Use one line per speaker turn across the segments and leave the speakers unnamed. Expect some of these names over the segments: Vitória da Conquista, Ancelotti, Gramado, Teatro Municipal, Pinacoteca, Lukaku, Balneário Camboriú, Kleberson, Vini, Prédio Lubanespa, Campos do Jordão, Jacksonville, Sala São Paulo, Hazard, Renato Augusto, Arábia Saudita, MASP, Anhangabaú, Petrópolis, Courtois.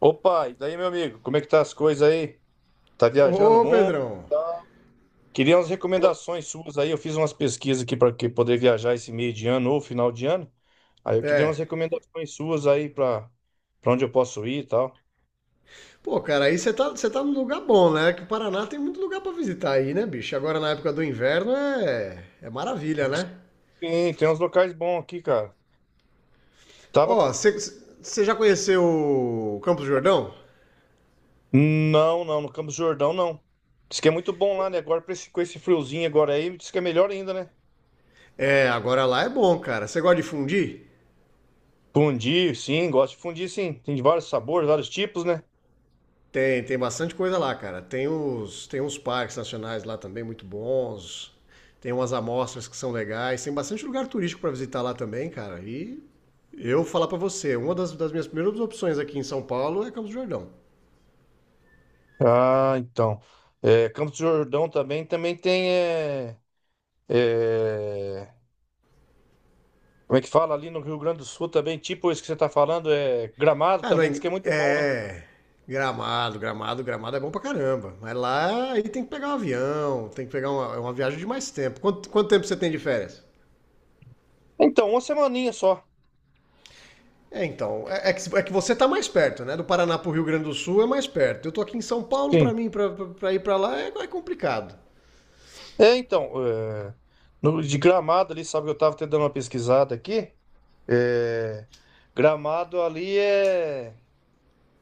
Opa, e daí, meu amigo, como é que tá as coisas aí? Tá viajando o
Ô,
mundo?
Pedrão.
Tá. Queria umas
Pô,
recomendações suas aí. Eu fiz umas pesquisas aqui para que poder viajar esse meio de ano ou final de ano. Aí eu queria umas
é.
recomendações suas aí para onde eu posso ir e tal.
Pô, cara, aí você tá num lugar bom, né? Que o Paraná tem muito lugar pra visitar aí, né, bicho? Agora na época do inverno é maravilha, né?
Sim, tem uns locais bons aqui, cara. Tava.
Ó, você já conheceu o Campos do Jordão?
Não, não, no Campos do Jordão não. Diz que é muito bom lá, né? Agora pra com esse friozinho agora aí, diz que é melhor ainda, né?
É, agora lá é bom, cara. Você gosta de fundir?
Fundir, sim, gosto de fundir, sim. Tem de vários sabores, vários tipos, né?
Tem, tem bastante coisa lá, cara. Tem os, tem uns parques nacionais lá também muito bons. Tem umas amostras que são legais. Tem bastante lugar turístico para visitar lá também, cara. E eu falar para você, uma das minhas primeiras opções aqui em São Paulo é Campos do Jordão.
Ah, então. É, Campos do Jordão também, também tem. É, como é que fala ali no Rio Grande do Sul também? Tipo isso que você está falando, é Gramado
Ah, não
também, diz
é,
que é muito bom, né?
é Gramado, Gramado é bom pra caramba. Mas lá aí tem que pegar um avião, tem que pegar uma viagem de mais tempo. Quanto tempo você tem de férias?
Então, uma semaninha só.
É, então, é, é que você tá mais perto, né? Do Paraná pro Rio Grande do Sul é mais perto. Eu tô aqui em São Paulo, pra
Sim.
mim, pra ir pra lá é complicado.
É, então. É, no, de Gramado ali, sabe que eu estava até dando uma pesquisada aqui. É, Gramado ali é.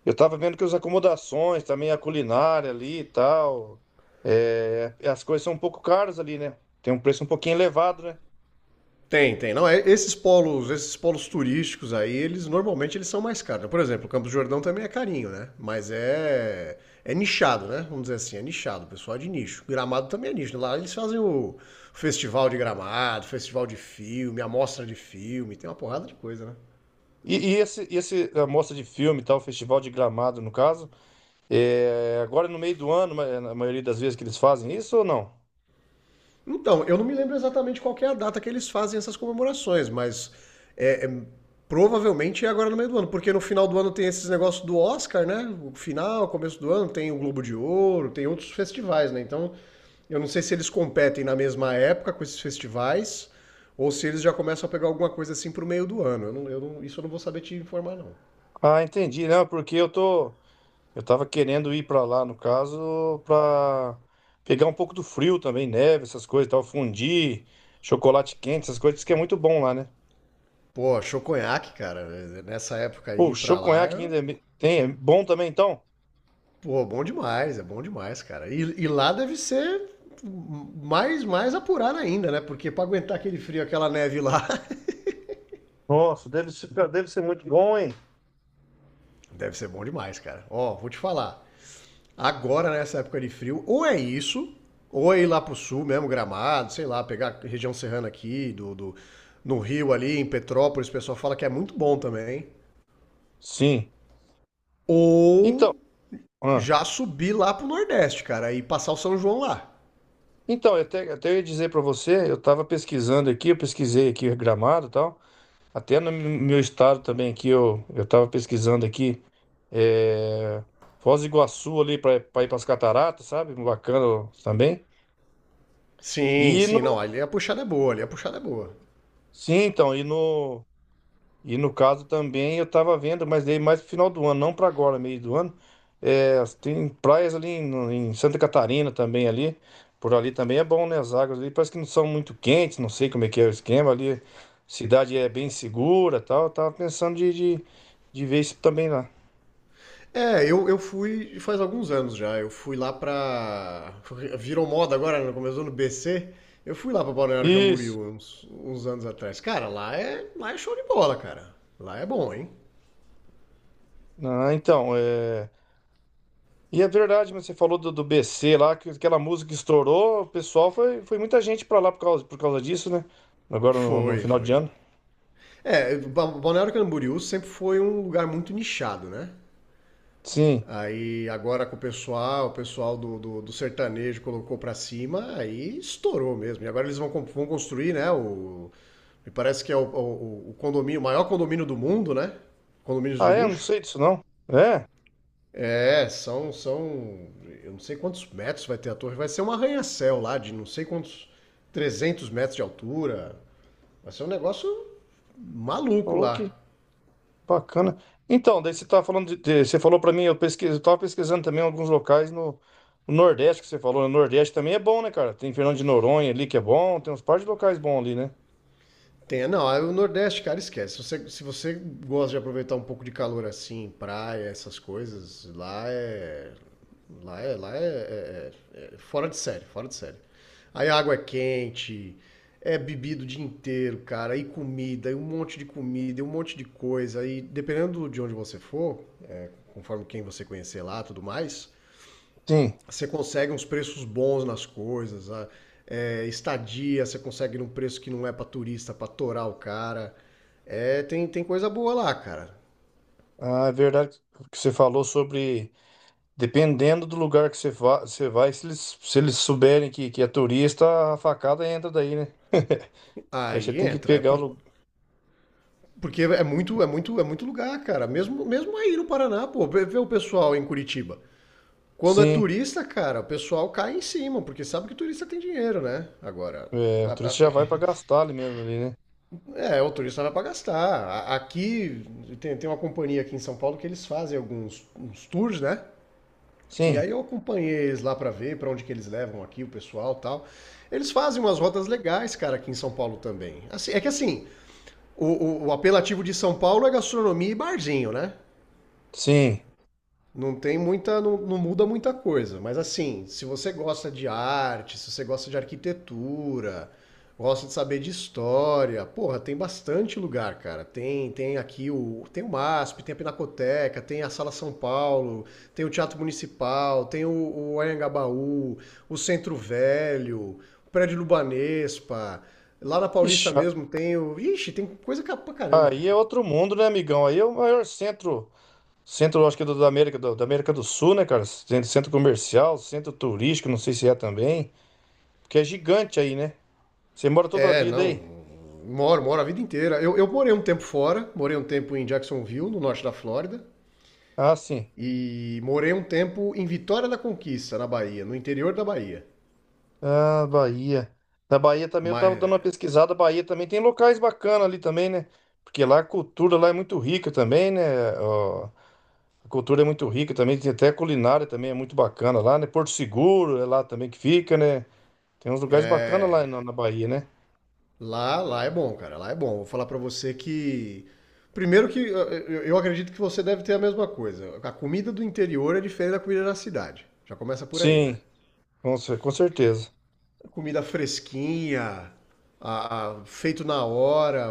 Eu estava vendo que as acomodações, também a culinária ali e tal. É, as coisas são um pouco caras ali, né? Tem um preço um pouquinho elevado, né?
Tem, tem. Não, é- esses polos turísticos aí, eles normalmente eles são mais caros. Por exemplo, o Campos do Jordão também é carinho, né? Mas é nichado, né? Vamos dizer assim, é nichado. O pessoal é de nicho. Gramado também é nicho. Lá eles fazem o festival de Gramado, festival de filme, amostra de filme, tem uma porrada de coisa, né?
E esse, esse a mostra de filme, e tal, o Festival de Gramado, no caso, é agora no meio do ano, na maioria das vezes que eles fazem isso ou não?
Então, eu não me lembro exatamente qual que é a data que eles fazem essas comemorações, mas é, é- provavelmente é agora no meio do ano, porque no final do ano tem esses negócios do Oscar, né? O final, começo do ano, tem o Globo de Ouro, tem outros festivais, né? Então, eu não sei se eles competem na mesma época com esses festivais ou se eles já começam a pegar alguma coisa assim pro meio do ano. Eu não- isso eu não vou saber te informar, não.
Ah, entendi, não, porque eu tô, eu tava querendo ir pra lá, no caso, pra pegar um pouco do frio também, neve, essas coisas, e tal, fondue, chocolate quente, essas coisas, diz que é muito bom lá, né?
Pô, achou conhaque, cara. Nessa época
Pô, o
aí pra lá.
choconhaque ainda tem, é bom também, então?
Pô, bom demais, é bom demais, cara. E lá deve ser mais apurado ainda, né? Porque pra aguentar aquele frio, aquela neve lá,
Nossa, deve ser muito bom, hein?
deve ser bom demais, cara. Ó, vou te falar. Agora, nessa época de frio, ou é isso, ou é ir lá pro sul mesmo, Gramado, sei lá, pegar a região serrana aqui, do no Rio ali, em Petrópolis, o pessoal fala que é muito bom também.
Sim. Então,
Ou
ah.
já subir lá pro Nordeste, cara, e passar o São João lá.
Então, eu até, até eu ia dizer para você, eu estava pesquisando aqui, eu pesquisei aqui Gramado e tal, até no meu estado também aqui, eu estava pesquisando aqui, é, Foz do Iguaçu ali para ir para as cataratas, sabe? Bacana também.
Sim,
E
sim,
no,
não, ali a puxada é boa, ali a puxada é boa.
sim, então, e no. E no caso também eu tava vendo, mas daí mais pro final do ano, não pra agora, meio do ano. É, tem praias ali em Santa Catarina também ali. Por ali também é bom, né? As águas ali parece que não são muito quentes, não sei como é que é o esquema ali. Cidade é bem segura, tal. Eu tava pensando de ver isso também lá.
É, eu fui faz alguns anos já. Eu fui lá pra. Virou moda agora, né? Começou no BC. Eu fui lá pra Balneário
Isso.
Camboriú uns anos atrás. Cara, lá é show de bola, cara. Lá é bom, hein?
Ah, então, é... E é verdade, mas você falou do, do BC lá, que aquela música que estourou, o pessoal foi, foi muita gente pra lá por causa disso, né? Agora no
Foi,
final de
foi.
ano.
É, Ba- Balneário Camboriú sempre foi um lugar muito nichado, né?
Sim.
Aí agora com o pessoal do sertanejo colocou pra cima, aí estourou mesmo. E agora eles vão, com- vão construir, né? O, me parece que é o, o condomínio, o maior condomínio do mundo, né? Condomínios de
Ah, é? Não
luxo.
sei disso, não. É?
É, eu não sei quantos metros vai ter a torre. Vai ser um arranha-céu lá de não sei quantos, 300 metros de altura. Vai ser um negócio maluco
Ô,
lá.
que bacana. Então, daí você tá falando de, você falou pra mim, eu pesquisei, eu tava pesquisando também alguns locais no, no Nordeste que você falou. No Nordeste também é bom, né, cara? Tem Fernando de Noronha ali que é bom, tem uns par de locais bons ali, né?
Tem, não, aí o Nordeste, cara, esquece. Se você gosta de aproveitar um pouco de calor assim, praia, essas coisas, lá é. Lá é. Lá é, é- é é fora de série, fora de série. Aí a água é quente, é bebido o dia inteiro, cara, e comida, e um monte de comida, e um monte de coisa. E dependendo de onde você for, conforme quem você conhecer lá tudo mais,
Sim.
você consegue uns preços bons nas coisas, a- é, estadia, você consegue num preço que não é pra turista, pra torar o cara. É, tem, tem coisa boa lá, cara.
Ah, é verdade que você falou sobre, dependendo do lugar que você, você vai, se eles, se eles souberem que é turista, a facada entra daí, né? Aí você
Aí
tem que
entra, é
pegar o
por-
lugar.
porque é muito, é muito, é muito lugar, cara. Mesmo, mesmo aí no Paraná, pô, vê o pessoal em Curitiba. Quando é
Sim,
turista, cara, o pessoal cai em cima, porque sabe que turista tem dinheiro, né? Agora,
é, o
a- a-
turista já vai pra gastar ali mesmo, ali, né?
é, o turista vai pra gastar. A- Aqui tem, tem uma companhia aqui em São Paulo que eles fazem alguns uns tours, né? E aí
Sim,
eu acompanhei eles lá pra ver pra onde que eles levam aqui o pessoal e tal. Eles fazem umas rotas legais, cara, aqui em São Paulo também. Assim, é que assim, o, o apelativo de São Paulo é gastronomia e barzinho, né?
sim.
Não tem muita, não, não muda muita coisa, mas assim, se você gosta de arte, se você gosta de arquitetura, gosta de saber de história, porra, tem bastante lugar, cara. Tem, tem aqui o, tem o MASP, tem a Pinacoteca, tem a Sala São Paulo, tem o Teatro Municipal, tem o Anhangabaú, o Centro Velho, o Prédio Lubanespa. Lá na Paulista
Ixi, a-
mesmo tem o, ixi, tem coisa ca- pra caramba,
aí é
cara.
outro mundo, né, amigão? Aí é o maior centro, centro, acho que é da América do Sul, né, cara? Centro, centro comercial, centro turístico, não sei se é também, porque é gigante aí, né? Você mora toda a
É,
vida
não.
aí?
Moro, moro a vida inteira. Eu morei um tempo fora, morei um tempo em Jacksonville, no norte da Flórida,
Ah, sim.
e morei um tempo em Vitória da Conquista, na Bahia, no interior da Bahia.
Ah, Bahia. Na Bahia também eu
Mas
tava dando uma pesquisada. A Bahia também tem locais bacanas ali também, né? Porque lá a cultura lá é muito rica também, né? Ó, a cultura é muito rica também, tem até a culinária também é muito bacana lá, né? Porto Seguro é lá também que fica, né? Tem uns lugares bacanas lá
é,
na Bahia, né?
lá, lá é bom, cara, lá é bom. Vou falar pra você que primeiro que eu, eu acredito que você deve ter a mesma coisa. A comida do interior é diferente da comida da cidade. Já começa por aí, né?
Sim, com, com certeza.
Comida fresquinha, feito na hora.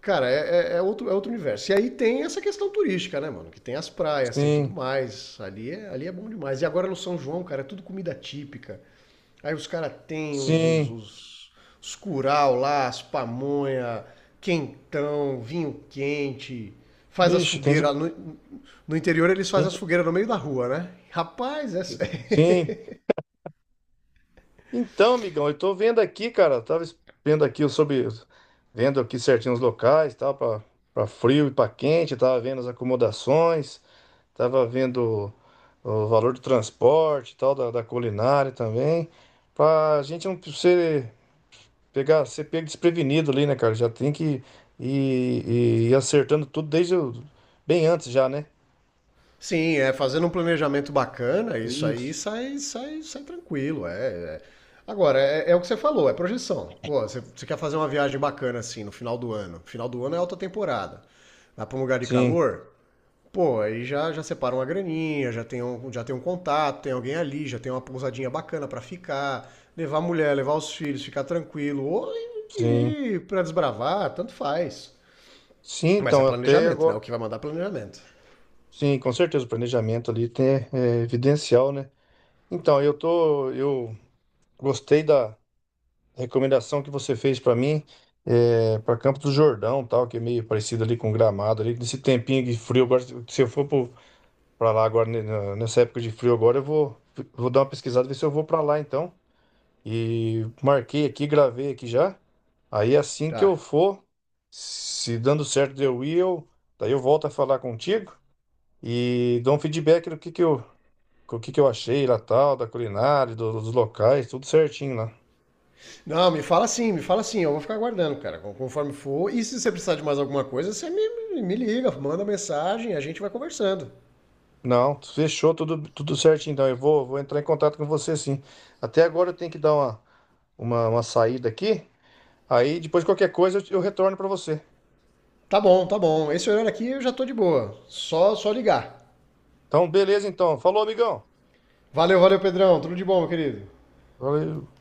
Cara, é, é- é outro universo. E aí tem essa questão turística, né, mano? Que tem as praias, tem tudo
Sim,
mais. Ali é bom demais. E agora no São João, cara, é tudo comida típica. Aí os caras têm os, os,
sim.
os, os curau lá, as pamonha, quentão, vinho quente. Faz as
Ixi, tem de,
fogueiras. No, no interior eles
tem
fazem as
de-
fogueiras no meio da rua, né? Rapaz, é,
Sim. Então, amigão, eu tô vendo aqui, cara, vendo aqui sobre, vendo aqui certinho os locais, tal, pra, para frio e pra quente, tava vendo as acomodações, tava vendo o valor do transporte, e tal, da, da culinária também, pra gente não ser, pegar, ser pego desprevenido ali, né, cara? Já tem que ir acertando tudo bem antes já, né?
sim, é fazendo um planejamento bacana, isso aí
Isso.
sai, sai tranquilo. É, é. Agora, é, é o que você falou, é projeção. Pô, você quer fazer uma viagem bacana assim no final do ano. Final do ano é alta temporada. Vai para um lugar de
Sim,
calor, pô, aí já separa uma graninha, já tem um contato, tem alguém ali, já tem uma pousadinha bacana para ficar, levar a mulher, levar os filhos, ficar tranquilo, ou
sim.
ir para desbravar, tanto faz.
Sim,
Mas é
então, até
planejamento, né?
agora.
O que vai mandar é planejamento.
Sim, com certeza, o planejamento ali tem, é evidencial, né? Então, eu tô. Eu gostei da recomendação que você fez para mim, é, para Campos do Jordão, tal, que é meio parecido ali com Gramado, ali, nesse tempinho de frio. Agora, se eu for para lá agora, né, nessa época de frio agora, eu vou, vou dar uma pesquisada, ver se eu vou para lá, então. E marquei aqui, gravei aqui já. Aí assim que eu
Tá.
for, se dando certo de eu ir, eu, daí eu volto a falar contigo e dou um feedback do que eu, o que que eu achei lá tal, da culinária, dos locais, tudo certinho lá.
Não, me fala sim, me fala sim. Eu vou ficar aguardando, cara, conforme for. E se você precisar de mais alguma coisa, você me liga, manda mensagem, a gente vai conversando.
Não, fechou tudo, tudo certinho, então eu vou, vou entrar em contato com você sim. Até agora eu tenho que dar uma saída aqui, aí depois qualquer coisa eu retorno para você.
Tá bom, tá bom. Esse horário aqui eu já tô de boa. Só ligar.
Então, beleza então. Falou, amigão.
Valeu, valeu, Pedrão. Tudo de bom, meu querido.
Valeu.